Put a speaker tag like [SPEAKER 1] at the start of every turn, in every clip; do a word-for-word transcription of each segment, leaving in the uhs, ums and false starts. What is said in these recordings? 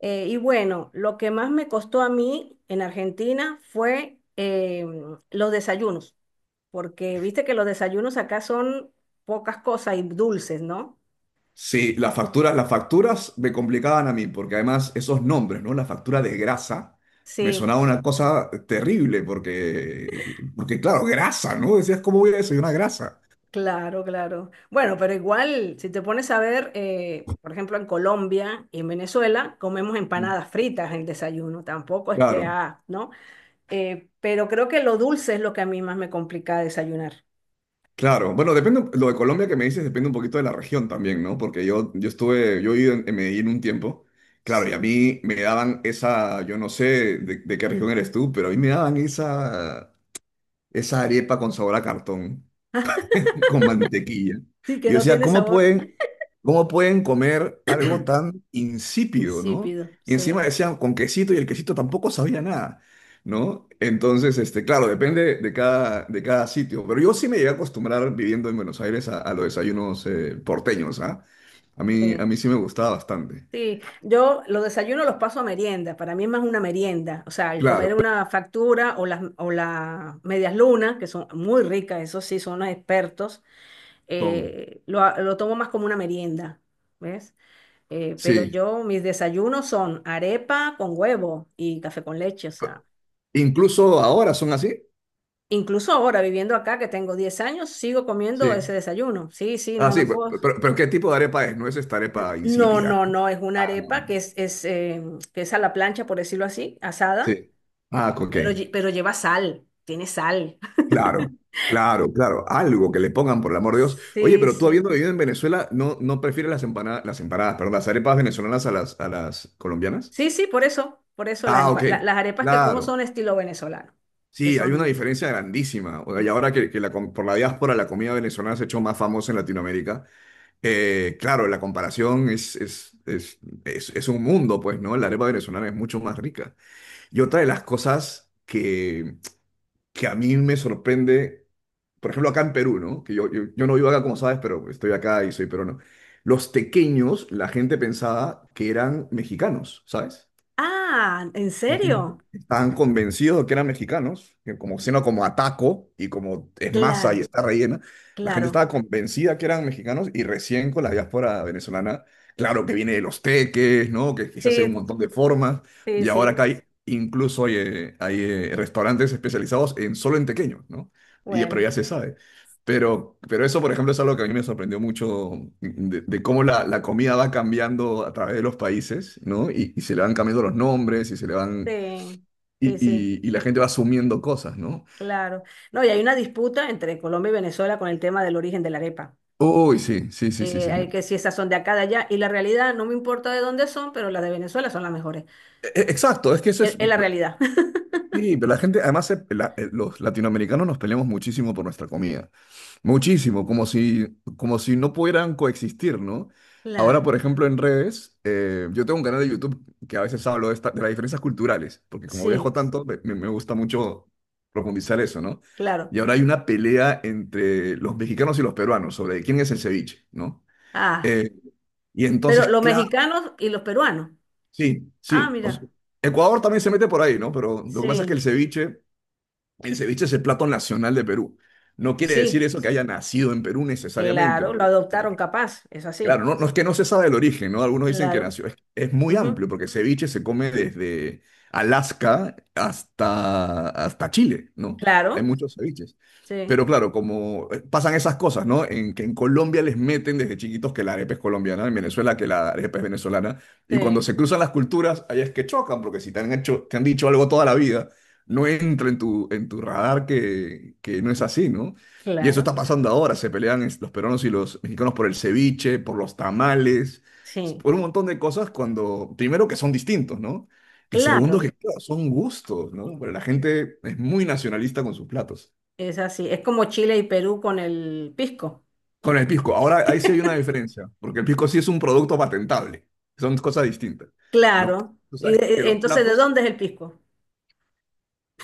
[SPEAKER 1] Eh, y bueno, lo que más me costó a mí en Argentina fue eh, los desayunos, porque viste que los desayunos acá son pocas cosas y dulces, ¿no?
[SPEAKER 2] Sí, las facturas, las facturas me complicaban a mí, porque además esos nombres, ¿no? La factura de grasa me
[SPEAKER 1] Sí,
[SPEAKER 2] sonaba una cosa terrible, porque, porque claro, grasa, ¿no? Decías, ¿cómo voy a desayunar grasa?
[SPEAKER 1] claro, claro. Bueno, pero igual, si te pones a ver, eh, por ejemplo, en Colombia y en Venezuela, comemos
[SPEAKER 2] Mm,
[SPEAKER 1] empanadas fritas en el desayuno, tampoco es que,
[SPEAKER 2] claro,
[SPEAKER 1] ah, ¿no? Eh, pero creo que lo dulce es lo que a mí más me complica desayunar.
[SPEAKER 2] claro. Bueno, depende, lo de Colombia que me dices depende un poquito de la región también, ¿no? Porque yo, yo estuve, yo viví en, en, Medellín un tiempo, claro, y a
[SPEAKER 1] Sí.
[SPEAKER 2] mí me daban esa, yo no sé de, de, qué región eres tú, pero a mí me daban esa, esa arepa con sabor a cartón. Con mantequilla.
[SPEAKER 1] Sí, que
[SPEAKER 2] Y yo
[SPEAKER 1] no
[SPEAKER 2] decía,
[SPEAKER 1] tiene
[SPEAKER 2] ¿cómo
[SPEAKER 1] sabor.
[SPEAKER 2] pueden, cómo pueden comer algo tan insípido, ¿no?
[SPEAKER 1] Insípido,
[SPEAKER 2] Y encima
[SPEAKER 1] sí.
[SPEAKER 2] decían con quesito y el quesito tampoco sabía nada, ¿no? Entonces, este, claro,
[SPEAKER 1] Sí.
[SPEAKER 2] depende de cada, de cada, sitio. Pero yo sí me llegué a acostumbrar viviendo en Buenos Aires a, a los desayunos eh, porteños, ¿ah? A mí, a
[SPEAKER 1] Sí.
[SPEAKER 2] mí sí me gustaba bastante.
[SPEAKER 1] Sí, yo los desayunos los paso a merienda, para mí es más una merienda, o sea, el comer
[SPEAKER 2] Claro,
[SPEAKER 1] una factura o las, o las medias lunas, que son muy ricas, eso sí, son unos expertos,
[SPEAKER 2] son,
[SPEAKER 1] eh, lo, a- lo tomo más como una merienda, ¿ves? Eh, pero
[SPEAKER 2] sí.
[SPEAKER 1] yo, mis desayunos son arepa con huevo y café con leche, o sea,
[SPEAKER 2] Incluso ahora son así,
[SPEAKER 1] incluso ahora viviendo acá que tengo diez años, sigo comiendo ese
[SPEAKER 2] sí.
[SPEAKER 1] desayuno, sí, sí,
[SPEAKER 2] Ah,
[SPEAKER 1] no, no
[SPEAKER 2] sí, pero,
[SPEAKER 1] puedo.
[SPEAKER 2] pero- pero ¿qué tipo de arepa es? No es esta
[SPEAKER 1] N-
[SPEAKER 2] arepa
[SPEAKER 1] No,
[SPEAKER 2] insípida,
[SPEAKER 1] no,
[SPEAKER 2] ¿no?
[SPEAKER 1] no, es una
[SPEAKER 2] Ah, no.
[SPEAKER 1] arepa que es, es, eh, que es a la plancha, por decirlo así,
[SPEAKER 2] Sí.
[SPEAKER 1] asada.
[SPEAKER 2] Ah, ok.
[SPEAKER 1] Pero, lle- pero lleva sal, tiene sal.
[SPEAKER 2] Claro, claro, claro. Algo que le pongan, por el amor de Dios. Oye,
[SPEAKER 1] Sí,
[SPEAKER 2] pero tú
[SPEAKER 1] sí.
[SPEAKER 2] habiendo vivido en Venezuela, ¿no, no prefieres las empanadas, las empanadas, perdón, las arepas venezolanas a las, a las, colombianas?
[SPEAKER 1] Sí, sí, por eso, por eso las,
[SPEAKER 2] Ah, ok.
[SPEAKER 1] empa- la- las arepas que como
[SPEAKER 2] Claro.
[SPEAKER 1] son estilo venezolano, que
[SPEAKER 2] Sí, hay una
[SPEAKER 1] son.
[SPEAKER 2] diferencia grandísima. O sea, y
[SPEAKER 1] mm,
[SPEAKER 2] ahora que, que la com- por la diáspora la comida venezolana se ha hecho más famosa en Latinoamérica, eh, claro, la comparación es, es, es, es, es un mundo, pues, ¿no? La arepa venezolana es mucho más rica. Y otra de las cosas que a mí me sorprende, por ejemplo, acá en Perú, ¿no? Que yo, yo, yo no vivo acá, como sabes, pero estoy acá y soy peruano. Los tequeños, la gente pensaba que eran mexicanos, ¿sabes?
[SPEAKER 1] Ah, ¿en
[SPEAKER 2] La gente
[SPEAKER 1] serio?
[SPEAKER 2] estaban convencidos de que eran mexicanos, que como sino como ataco y como es masa y
[SPEAKER 1] Claro,
[SPEAKER 2] está rellena, la gente
[SPEAKER 1] claro.
[SPEAKER 2] estaba convencida que eran mexicanos y recién con la diáspora venezolana, claro que viene de los teques, ¿no? Que, que se hace
[SPEAKER 1] Sí,
[SPEAKER 2] un montón de formas
[SPEAKER 1] sí,
[SPEAKER 2] y ahora
[SPEAKER 1] sí.
[SPEAKER 2] acá hay incluso hay, eh, hay, eh, restaurantes especializados en solo en tequeños, ¿no? Y pero
[SPEAKER 1] Bueno,
[SPEAKER 2] ya se sabe. Pero, pero eso, por ejemplo, es algo que a mí me sorprendió mucho de, de, cómo la, la comida va cambiando a través de los países, ¿no? Y, y se le van cambiando los nombres y se le van
[SPEAKER 1] sí,
[SPEAKER 2] y,
[SPEAKER 1] sí, sí,
[SPEAKER 2] y- y la gente va asumiendo cosas, ¿no?
[SPEAKER 1] claro. No, y hay una disputa entre Colombia y Venezuela con el tema del origen de la arepa.
[SPEAKER 2] Uy, sí, sí, sí, sí,
[SPEAKER 1] Eh,
[SPEAKER 2] sí.
[SPEAKER 1] hay que si esas son de acá, de allá, y la realidad, no me importa de dónde son, pero las de Venezuela son las mejores.
[SPEAKER 2] E- e- Exacto, es que eso
[SPEAKER 1] Es,
[SPEAKER 2] es.
[SPEAKER 1] es la realidad.
[SPEAKER 2] Sí, pero la gente, además, se- la- eh, los latinoamericanos nos peleamos muchísimo por nuestra comida. Muchísimo, como si, como si no pudieran coexistir, ¿no? Ahora,
[SPEAKER 1] Claro,
[SPEAKER 2] por ejemplo, en redes, eh, yo tengo un canal de YouTube que a veces hablo de, esta- de las diferencias culturales, porque como viajo
[SPEAKER 1] sí,
[SPEAKER 2] tanto, me, me- me gusta mucho profundizar eso, ¿no? Y
[SPEAKER 1] claro.
[SPEAKER 2] ahora hay una pelea entre los mexicanos y los peruanos sobre quién es el ceviche, ¿no?
[SPEAKER 1] Ah,
[SPEAKER 2] Eh, Y
[SPEAKER 1] pero
[SPEAKER 2] entonces,
[SPEAKER 1] los
[SPEAKER 2] claro,
[SPEAKER 1] mexicanos y los peruanos.
[SPEAKER 2] sí,
[SPEAKER 1] Ah,
[SPEAKER 2] sí. O sea,
[SPEAKER 1] mira,
[SPEAKER 2] Ecuador también se mete por ahí, ¿no? Pero lo que pasa es que el
[SPEAKER 1] sí,
[SPEAKER 2] ceviche, el ceviche es el plato nacional de Perú. No
[SPEAKER 1] y
[SPEAKER 2] quiere decir
[SPEAKER 1] sí,
[SPEAKER 2] eso que haya nacido en Perú necesariamente,
[SPEAKER 1] claro, lo
[SPEAKER 2] porque,
[SPEAKER 1] adoptaron
[SPEAKER 2] porque
[SPEAKER 1] capaz, es
[SPEAKER 2] Claro,
[SPEAKER 1] así.
[SPEAKER 2] no, no es que no se sabe el origen, ¿no? Algunos dicen que
[SPEAKER 1] Claro,
[SPEAKER 2] nació. Es, es muy
[SPEAKER 1] ujú,
[SPEAKER 2] amplio porque ceviche se come desde Alaska hasta, hasta Chile, ¿no? Hay
[SPEAKER 1] claro,
[SPEAKER 2] muchos ceviches.
[SPEAKER 1] sí,
[SPEAKER 2] Pero claro, como eh, pasan esas cosas, ¿no? En que en Colombia les meten desde chiquitos que la arepa es colombiana, en Venezuela que la arepa es venezolana. Y cuando
[SPEAKER 1] sí,
[SPEAKER 2] se cruzan las culturas, ahí es que chocan, porque si te han hecho, te han dicho algo toda la vida, no entra en tu, en tu, radar que, que no es así, ¿no? Y eso
[SPEAKER 1] claro,
[SPEAKER 2] está pasando ahora. Se pelean es- los peruanos y los mexicanos por el ceviche, por los tamales,
[SPEAKER 1] sí,
[SPEAKER 2] por un montón de cosas cuando, primero que son distintos, ¿no? Y segundo
[SPEAKER 1] claro,
[SPEAKER 2] que, claro, son gustos, ¿no? Pero la gente es muy nacionalista con sus platos.
[SPEAKER 1] es así. Es como Chile y Perú con el pisco.
[SPEAKER 2] Con el pisco, ahora ahí sí hay una diferencia, porque el pisco sí es un producto patentable, son cosas distintas. Los,
[SPEAKER 1] Claro,
[SPEAKER 2] Tú
[SPEAKER 1] y
[SPEAKER 2] sabes que
[SPEAKER 1] eh,
[SPEAKER 2] los
[SPEAKER 1] entonces, ¿de
[SPEAKER 2] platos.
[SPEAKER 1] dónde es el pisco?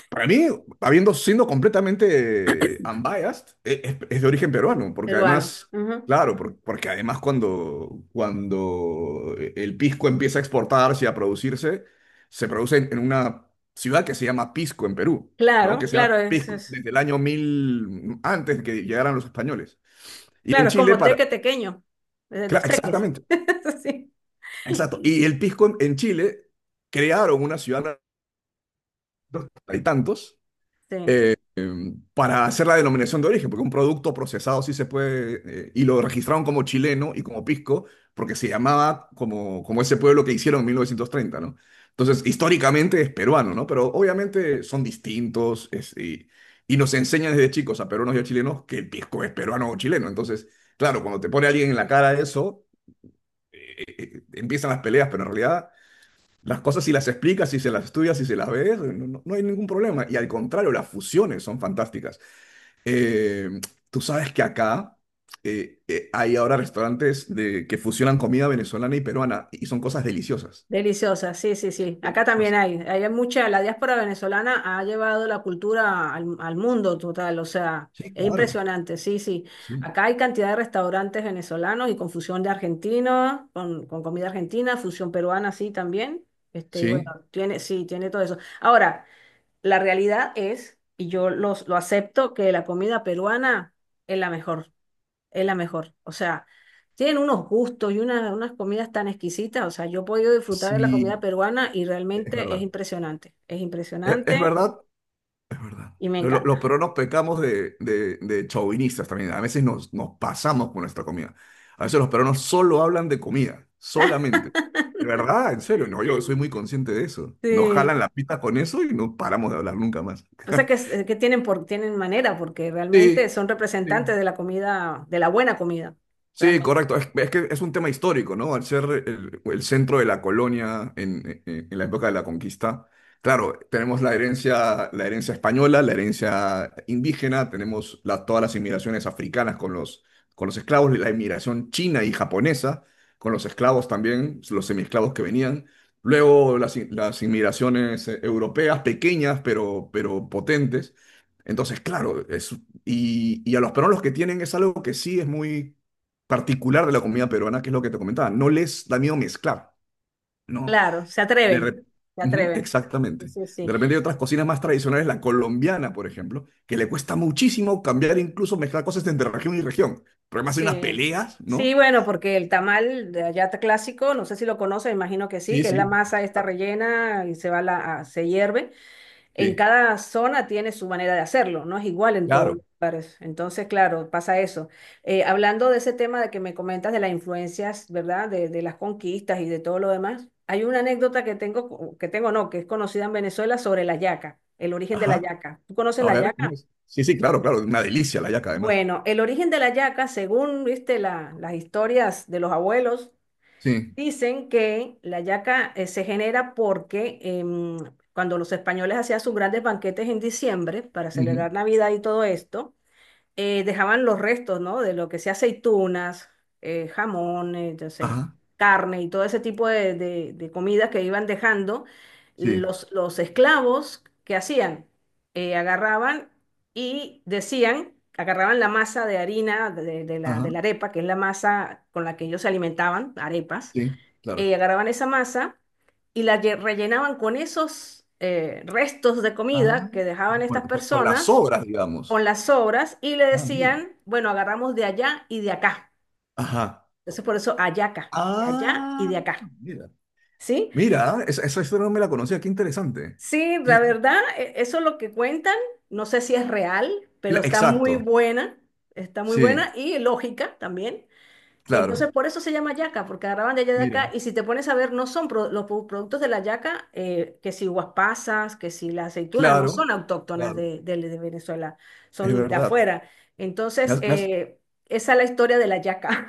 [SPEAKER 2] Para mí, habiendo siendo completamente unbiased, e- es, es de origen peruano, porque
[SPEAKER 1] Peruano.
[SPEAKER 2] además,
[SPEAKER 1] Ujú,
[SPEAKER 2] claro, por- porque además cuando, cuando, el pisco empieza a exportarse y a producirse, se produce en, en una ciudad que se llama Pisco en Perú, ¿no? Que
[SPEAKER 1] claro,
[SPEAKER 2] se llama
[SPEAKER 1] claro, es,
[SPEAKER 2] Pisco
[SPEAKER 1] es-
[SPEAKER 2] desde el año mil antes de que llegaran los españoles. Y en
[SPEAKER 1] claro, es
[SPEAKER 2] Chile,
[SPEAKER 1] como
[SPEAKER 2] para.
[SPEAKER 1] teque tequeño, eh,
[SPEAKER 2] Cla-
[SPEAKER 1] los teques.
[SPEAKER 2] exactamente,
[SPEAKER 1] Sí.
[SPEAKER 2] exacto. Y el pisco en, en, Chile crearon una ciudad de tantos
[SPEAKER 1] Sí.
[SPEAKER 2] para hacer la denominación de origen, porque un producto procesado sí se puede, eh, y lo registraron como chileno y como pisco, porque se llamaba como, como ese pueblo que hicieron en mil novecientos treinta, ¿no? Entonces, históricamente es peruano, ¿no? Pero obviamente son distintos es- y, y nos enseñan desde chicos a peruanos y a chilenos que el pisco es peruano o chileno. Entonces, claro, cuando te pone alguien en la cara eso, eh, eh, eh, empiezan las peleas, pero en realidad las cosas si las explicas, si se las estudias, si se las ves, no no- no hay ningún problema. Y al contrario, las fusiones son fantásticas. Eh, Tú sabes que acá eh, eh, hay ahora restaurantes de, que fusionan comida venezolana y peruana y son cosas deliciosas.
[SPEAKER 1] Deliciosa, sí, sí, sí. Acá también
[SPEAKER 2] Deliciosas.
[SPEAKER 1] hay, hay mucha, la diáspora venezolana ha llevado la cultura al, al mundo total, o sea,
[SPEAKER 2] Sí,
[SPEAKER 1] es
[SPEAKER 2] claro.
[SPEAKER 1] impresionante, sí, sí.
[SPEAKER 2] Sí.
[SPEAKER 1] Acá hay cantidad de restaurantes venezolanos y con fusión de argentinos, con, con comida argentina, fusión peruana, sí, también. Este, y bueno,
[SPEAKER 2] Sí.
[SPEAKER 1] tiene, sí, tiene todo eso. Ahora, la realidad es, y yo los, lo acepto, que la comida peruana es la mejor, es la mejor. O sea, tienen unos gustos y unas, unas comidas tan exquisitas. O sea, yo he podido disfrutar de la
[SPEAKER 2] Sí,
[SPEAKER 1] comida peruana y
[SPEAKER 2] es
[SPEAKER 1] realmente es
[SPEAKER 2] verdad.
[SPEAKER 1] impresionante. Es
[SPEAKER 2] Es, es
[SPEAKER 1] impresionante
[SPEAKER 2] verdad. Es verdad.
[SPEAKER 1] y me
[SPEAKER 2] Pero lo- los
[SPEAKER 1] encanta.
[SPEAKER 2] peruanos pecamos de, de, de, chauvinistas también. A veces nos, nos pasamos con nuestra comida. A veces los peruanos solo hablan de comida, solamente. De verdad, en serio. No, yo soy muy consciente de eso. Nos
[SPEAKER 1] Sí.
[SPEAKER 2] jalan la pita con eso y no paramos de hablar nunca más.
[SPEAKER 1] Pasa que, es- es que tienen, por, tienen manera, porque realmente
[SPEAKER 2] Sí,
[SPEAKER 1] son representantes
[SPEAKER 2] sí.
[SPEAKER 1] de la comida, de la buena comida,
[SPEAKER 2] Sí,
[SPEAKER 1] realmente.
[SPEAKER 2] correcto. Es, es que es un tema histórico, ¿no? Al ser el, el, centro de la colonia en, en- en la época de la conquista, claro, tenemos la herencia, la herencia española, la herencia indígena, tenemos la- todas las inmigraciones africanas con los, con los esclavos, la inmigración china y japonesa con los esclavos también, los semiesclavos que venían. Luego las, in- las inmigraciones eh, europeas, pequeñas pero, pero potentes. Entonces, claro, es. Y, y a los peruanos que tienen es algo que sí es muy particular de la comida peruana, que es lo que te comentaba, no les da miedo mezclar, ¿no?
[SPEAKER 1] Claro, se
[SPEAKER 2] De
[SPEAKER 1] atreven,
[SPEAKER 2] re-
[SPEAKER 1] se
[SPEAKER 2] Ujú,
[SPEAKER 1] atreven. Sí,
[SPEAKER 2] exactamente.
[SPEAKER 1] sí, sí.
[SPEAKER 2] De repente hay otras cocinas más tradicionales, la colombiana, por ejemplo, que le cuesta muchísimo cambiar, incluso mezclar cosas entre región y región. Pero además hay unas
[SPEAKER 1] Sí,
[SPEAKER 2] peleas, ¿no?
[SPEAKER 1] sí, bueno, porque el tamal de allá clásico, no sé si lo conoces, imagino que sí,
[SPEAKER 2] Sí,
[SPEAKER 1] que es la
[SPEAKER 2] sí.
[SPEAKER 1] masa esta
[SPEAKER 2] Ah,
[SPEAKER 1] rellena y se va la, a- se hierve. En
[SPEAKER 2] sí,
[SPEAKER 1] cada zona tiene su manera de hacerlo, no es igual en todos
[SPEAKER 2] claro.
[SPEAKER 1] los lugares. Entonces, claro, pasa eso. Eh, hablando de ese tema de que me comentas de las influencias, ¿verdad? De, de las conquistas y de todo lo demás, hay una anécdota que tengo, co- que tengo no, que es conocida en Venezuela sobre la yaca, el origen de la
[SPEAKER 2] Ajá.
[SPEAKER 1] yaca. ¿Tú conoces
[SPEAKER 2] A
[SPEAKER 1] la
[SPEAKER 2] ver, ¿cómo
[SPEAKER 1] yaca?
[SPEAKER 2] es? Sí, sí, claro, claro. Una delicia la yaca, además.
[SPEAKER 1] Bueno, el origen de la yaca, según viste la- las historias de los abuelos,
[SPEAKER 2] Sí.
[SPEAKER 1] dicen que la yaca eh, se genera porque em, cuando los españoles hacían sus grandes banquetes en diciembre para
[SPEAKER 2] Ujú.
[SPEAKER 1] celebrar Navidad y todo esto, eh, dejaban los restos, ¿no? De lo que sea aceitunas, eh, jamón, eh, yo sé,
[SPEAKER 2] Ajá.
[SPEAKER 1] carne y todo ese tipo de, de, de comidas que iban dejando,
[SPEAKER 2] Sí.
[SPEAKER 1] los, los esclavos, ¿qué hacían? Eh, agarraban y decían, agarraban la masa de harina de, de la,
[SPEAKER 2] Ajá.
[SPEAKER 1] de la arepa, que es la masa con la que ellos se alimentaban, arepas,
[SPEAKER 2] Sí, claro.
[SPEAKER 1] eh, agarraban esa masa y la lle- rellenaban con esos eh, restos de
[SPEAKER 2] Ah,
[SPEAKER 1] comida que dejaban estas
[SPEAKER 2] por, por- por las
[SPEAKER 1] personas
[SPEAKER 2] obras, digamos.
[SPEAKER 1] con las obras y le
[SPEAKER 2] Ah, mira.
[SPEAKER 1] decían, bueno, agarramos de allá y de acá.
[SPEAKER 2] Ajá.
[SPEAKER 1] Entonces por eso ayaca, de allá y
[SPEAKER 2] Ah,
[SPEAKER 1] de acá.
[SPEAKER 2] mira.
[SPEAKER 1] ¿Sí?
[SPEAKER 2] Mira, esa, esa historia no me la conocía, qué interesante.
[SPEAKER 1] Sí, la verdad, e- eso es lo que cuentan. No sé si es real, pero
[SPEAKER 2] Cla-
[SPEAKER 1] está muy
[SPEAKER 2] Exacto,
[SPEAKER 1] buena, está muy
[SPEAKER 2] sí,
[SPEAKER 1] buena y lógica también. Entonces,
[SPEAKER 2] claro.
[SPEAKER 1] por eso se llama yaca, porque agarraban de allá de
[SPEAKER 2] Mira,
[SPEAKER 1] acá. Y si te pones a ver, no son pro- los pro- productos de la yaca, eh, que si guaspasas, que si la aceituna, no
[SPEAKER 2] claro,
[SPEAKER 1] son autóctonas
[SPEAKER 2] claro,
[SPEAKER 1] de, de- de Venezuela,
[SPEAKER 2] es
[SPEAKER 1] son de
[SPEAKER 2] verdad.
[SPEAKER 1] afuera.
[SPEAKER 2] Me
[SPEAKER 1] Entonces,
[SPEAKER 2] hace, me hace-
[SPEAKER 1] eh, esa es la historia de la yaca,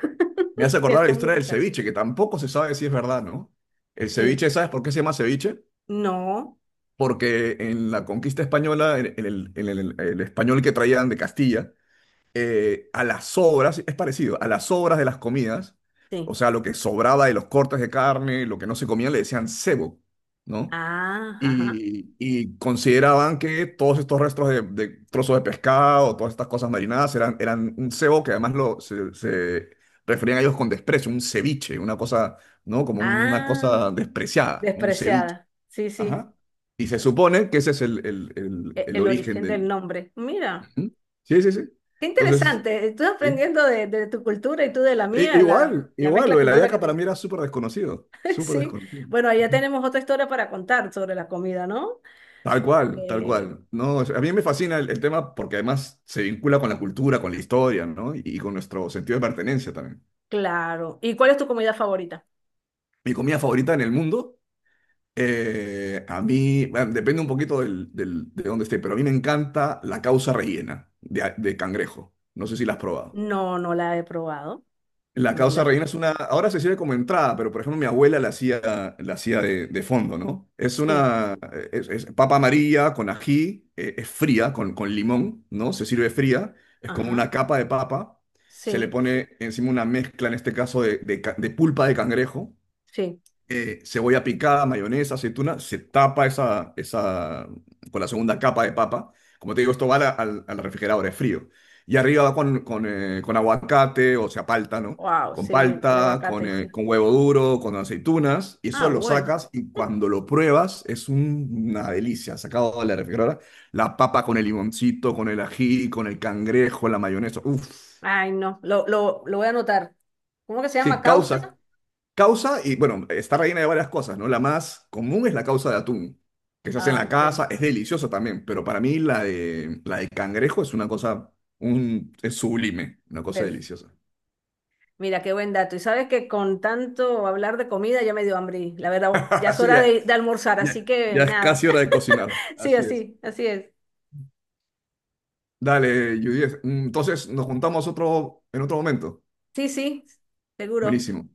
[SPEAKER 2] me hace
[SPEAKER 1] que
[SPEAKER 2] acordar la
[SPEAKER 1] son muy
[SPEAKER 2] historia del
[SPEAKER 1] ricas.
[SPEAKER 2] ceviche, que tampoco se sabe si es verdad, ¿no? El
[SPEAKER 1] Sí.
[SPEAKER 2] ceviche, ¿sabes por qué se llama ceviche?
[SPEAKER 1] No,
[SPEAKER 2] Porque en la conquista española, en, en el, en el- el español que traían de Castilla, eh, a las sobras, es parecido, a las sobras de las comidas,
[SPEAKER 1] sí.
[SPEAKER 2] o sea, lo que sobraba de los cortes de carne, lo que no se comía, le decían cebo. ¿No?
[SPEAKER 1] Ah, ajá.
[SPEAKER 2] y, y consideraban que todos estos restos de, de trozos de pescado, todas estas cosas marinadas, eran, eran un cebo que además lo, se, se referían a ellos con desprecio, un ceviche, una cosa, ¿no? Como una
[SPEAKER 1] Ah,
[SPEAKER 2] cosa despreciada, ¿no? Un ceviche.
[SPEAKER 1] despreciada. Sí, sí.
[SPEAKER 2] Ajá. Y se supone que ese es el, el, el,
[SPEAKER 1] e-
[SPEAKER 2] el
[SPEAKER 1] El
[SPEAKER 2] origen
[SPEAKER 1] origen del
[SPEAKER 2] del.
[SPEAKER 1] nombre. Mira,
[SPEAKER 2] Ujú. Sí, sí, sí.
[SPEAKER 1] qué
[SPEAKER 2] Entonces,
[SPEAKER 1] interesante. Estoy
[SPEAKER 2] sí.
[SPEAKER 1] aprendiendo de, de tu cultura y tú de la
[SPEAKER 2] I-
[SPEAKER 1] mía, la,
[SPEAKER 2] igual,
[SPEAKER 1] la
[SPEAKER 2] igual, lo
[SPEAKER 1] mezcla
[SPEAKER 2] de la
[SPEAKER 1] cultura que
[SPEAKER 2] yaca para
[SPEAKER 1] tengo.
[SPEAKER 2] mí era súper desconocido, súper
[SPEAKER 1] Sí,
[SPEAKER 2] desconocido.
[SPEAKER 1] bueno, ahí ya
[SPEAKER 2] Ujú.
[SPEAKER 1] tenemos otra historia para contar sobre la comida, ¿no?
[SPEAKER 2] Tal cual, tal
[SPEAKER 1] Eh,
[SPEAKER 2] cual. No, o sea, a mí me fascina el, el, tema porque además se vincula con la cultura, con la historia, ¿no? Y, y con nuestro sentido de pertenencia también.
[SPEAKER 1] claro. ¿Y cuál es tu comida favorita?
[SPEAKER 2] Mi comida favorita en el mundo, eh, a mí, bueno, depende un poquito del, del- de dónde esté, pero a mí me encanta la causa rellena de, a- de cangrejo. No sé si la has probado.
[SPEAKER 1] No, no la he probado.
[SPEAKER 2] La
[SPEAKER 1] No la
[SPEAKER 2] causa
[SPEAKER 1] he
[SPEAKER 2] reina
[SPEAKER 1] probado.
[SPEAKER 2] es una, ahora se sirve como entrada, pero por ejemplo mi abuela la hacía, la hacía, de, de fondo, ¿no? Es
[SPEAKER 1] Sí,
[SPEAKER 2] una, es, es papa amarilla con ají, eh, es fría, con, con limón, ¿no? Se sirve fría, es como
[SPEAKER 1] ajá,
[SPEAKER 2] una capa de papa, se le
[SPEAKER 1] sí,
[SPEAKER 2] pone encima una mezcla, en este caso, de, de ca- de pulpa de cangrejo,
[SPEAKER 1] sí.
[SPEAKER 2] eh, cebolla picada, mayonesa, aceituna, se tapa esa, esa con la segunda capa de papa. Como te digo, esto va a la- al, al refrigerador, es frío. Y arriba va con, con, eh, con aguacate, o sea, palta, ¿no?
[SPEAKER 1] Wow,
[SPEAKER 2] Con
[SPEAKER 1] sí, el
[SPEAKER 2] palta, con,
[SPEAKER 1] aguacate,
[SPEAKER 2] eh,
[SPEAKER 1] sí.
[SPEAKER 2] con huevo duro, con aceitunas, y eso
[SPEAKER 1] Ah,
[SPEAKER 2] lo
[SPEAKER 1] bueno.
[SPEAKER 2] sacas y cuando lo pruebas es un- una delicia. Sacado de la refrigeradora, la papa con el limoncito, con el ají, con el cangrejo, la mayonesa. Uf,
[SPEAKER 1] Ay, no, lo, lo, lo voy a anotar. ¿Cómo que se llama?
[SPEAKER 2] sí,
[SPEAKER 1] ¿Causa?
[SPEAKER 2] causa, Causa, y bueno, está rellena de varias cosas, ¿no? La más común es la causa de atún, que se hace en
[SPEAKER 1] Ah,
[SPEAKER 2] la
[SPEAKER 1] ok.
[SPEAKER 2] casa, es deliciosa también, pero para mí la de, la de, cangrejo es una cosa, un, es sublime, una cosa
[SPEAKER 1] Perfecto.
[SPEAKER 2] deliciosa.
[SPEAKER 1] Mira, qué buen dato. Y sabes que con tanto hablar de comida ya me dio hambre, y la verdad, ya es
[SPEAKER 2] Así
[SPEAKER 1] hora
[SPEAKER 2] ya,
[SPEAKER 1] de, de almorzar,
[SPEAKER 2] ya,
[SPEAKER 1] así que
[SPEAKER 2] ya es
[SPEAKER 1] nada.
[SPEAKER 2] casi hora de cocinar.
[SPEAKER 1] Sí,
[SPEAKER 2] Así es.
[SPEAKER 1] así, así es.
[SPEAKER 2] Dale, Judith. Entonces nos juntamos otro, en otro momento.
[SPEAKER 1] Sí, sí, seguro.
[SPEAKER 2] Buenísimo.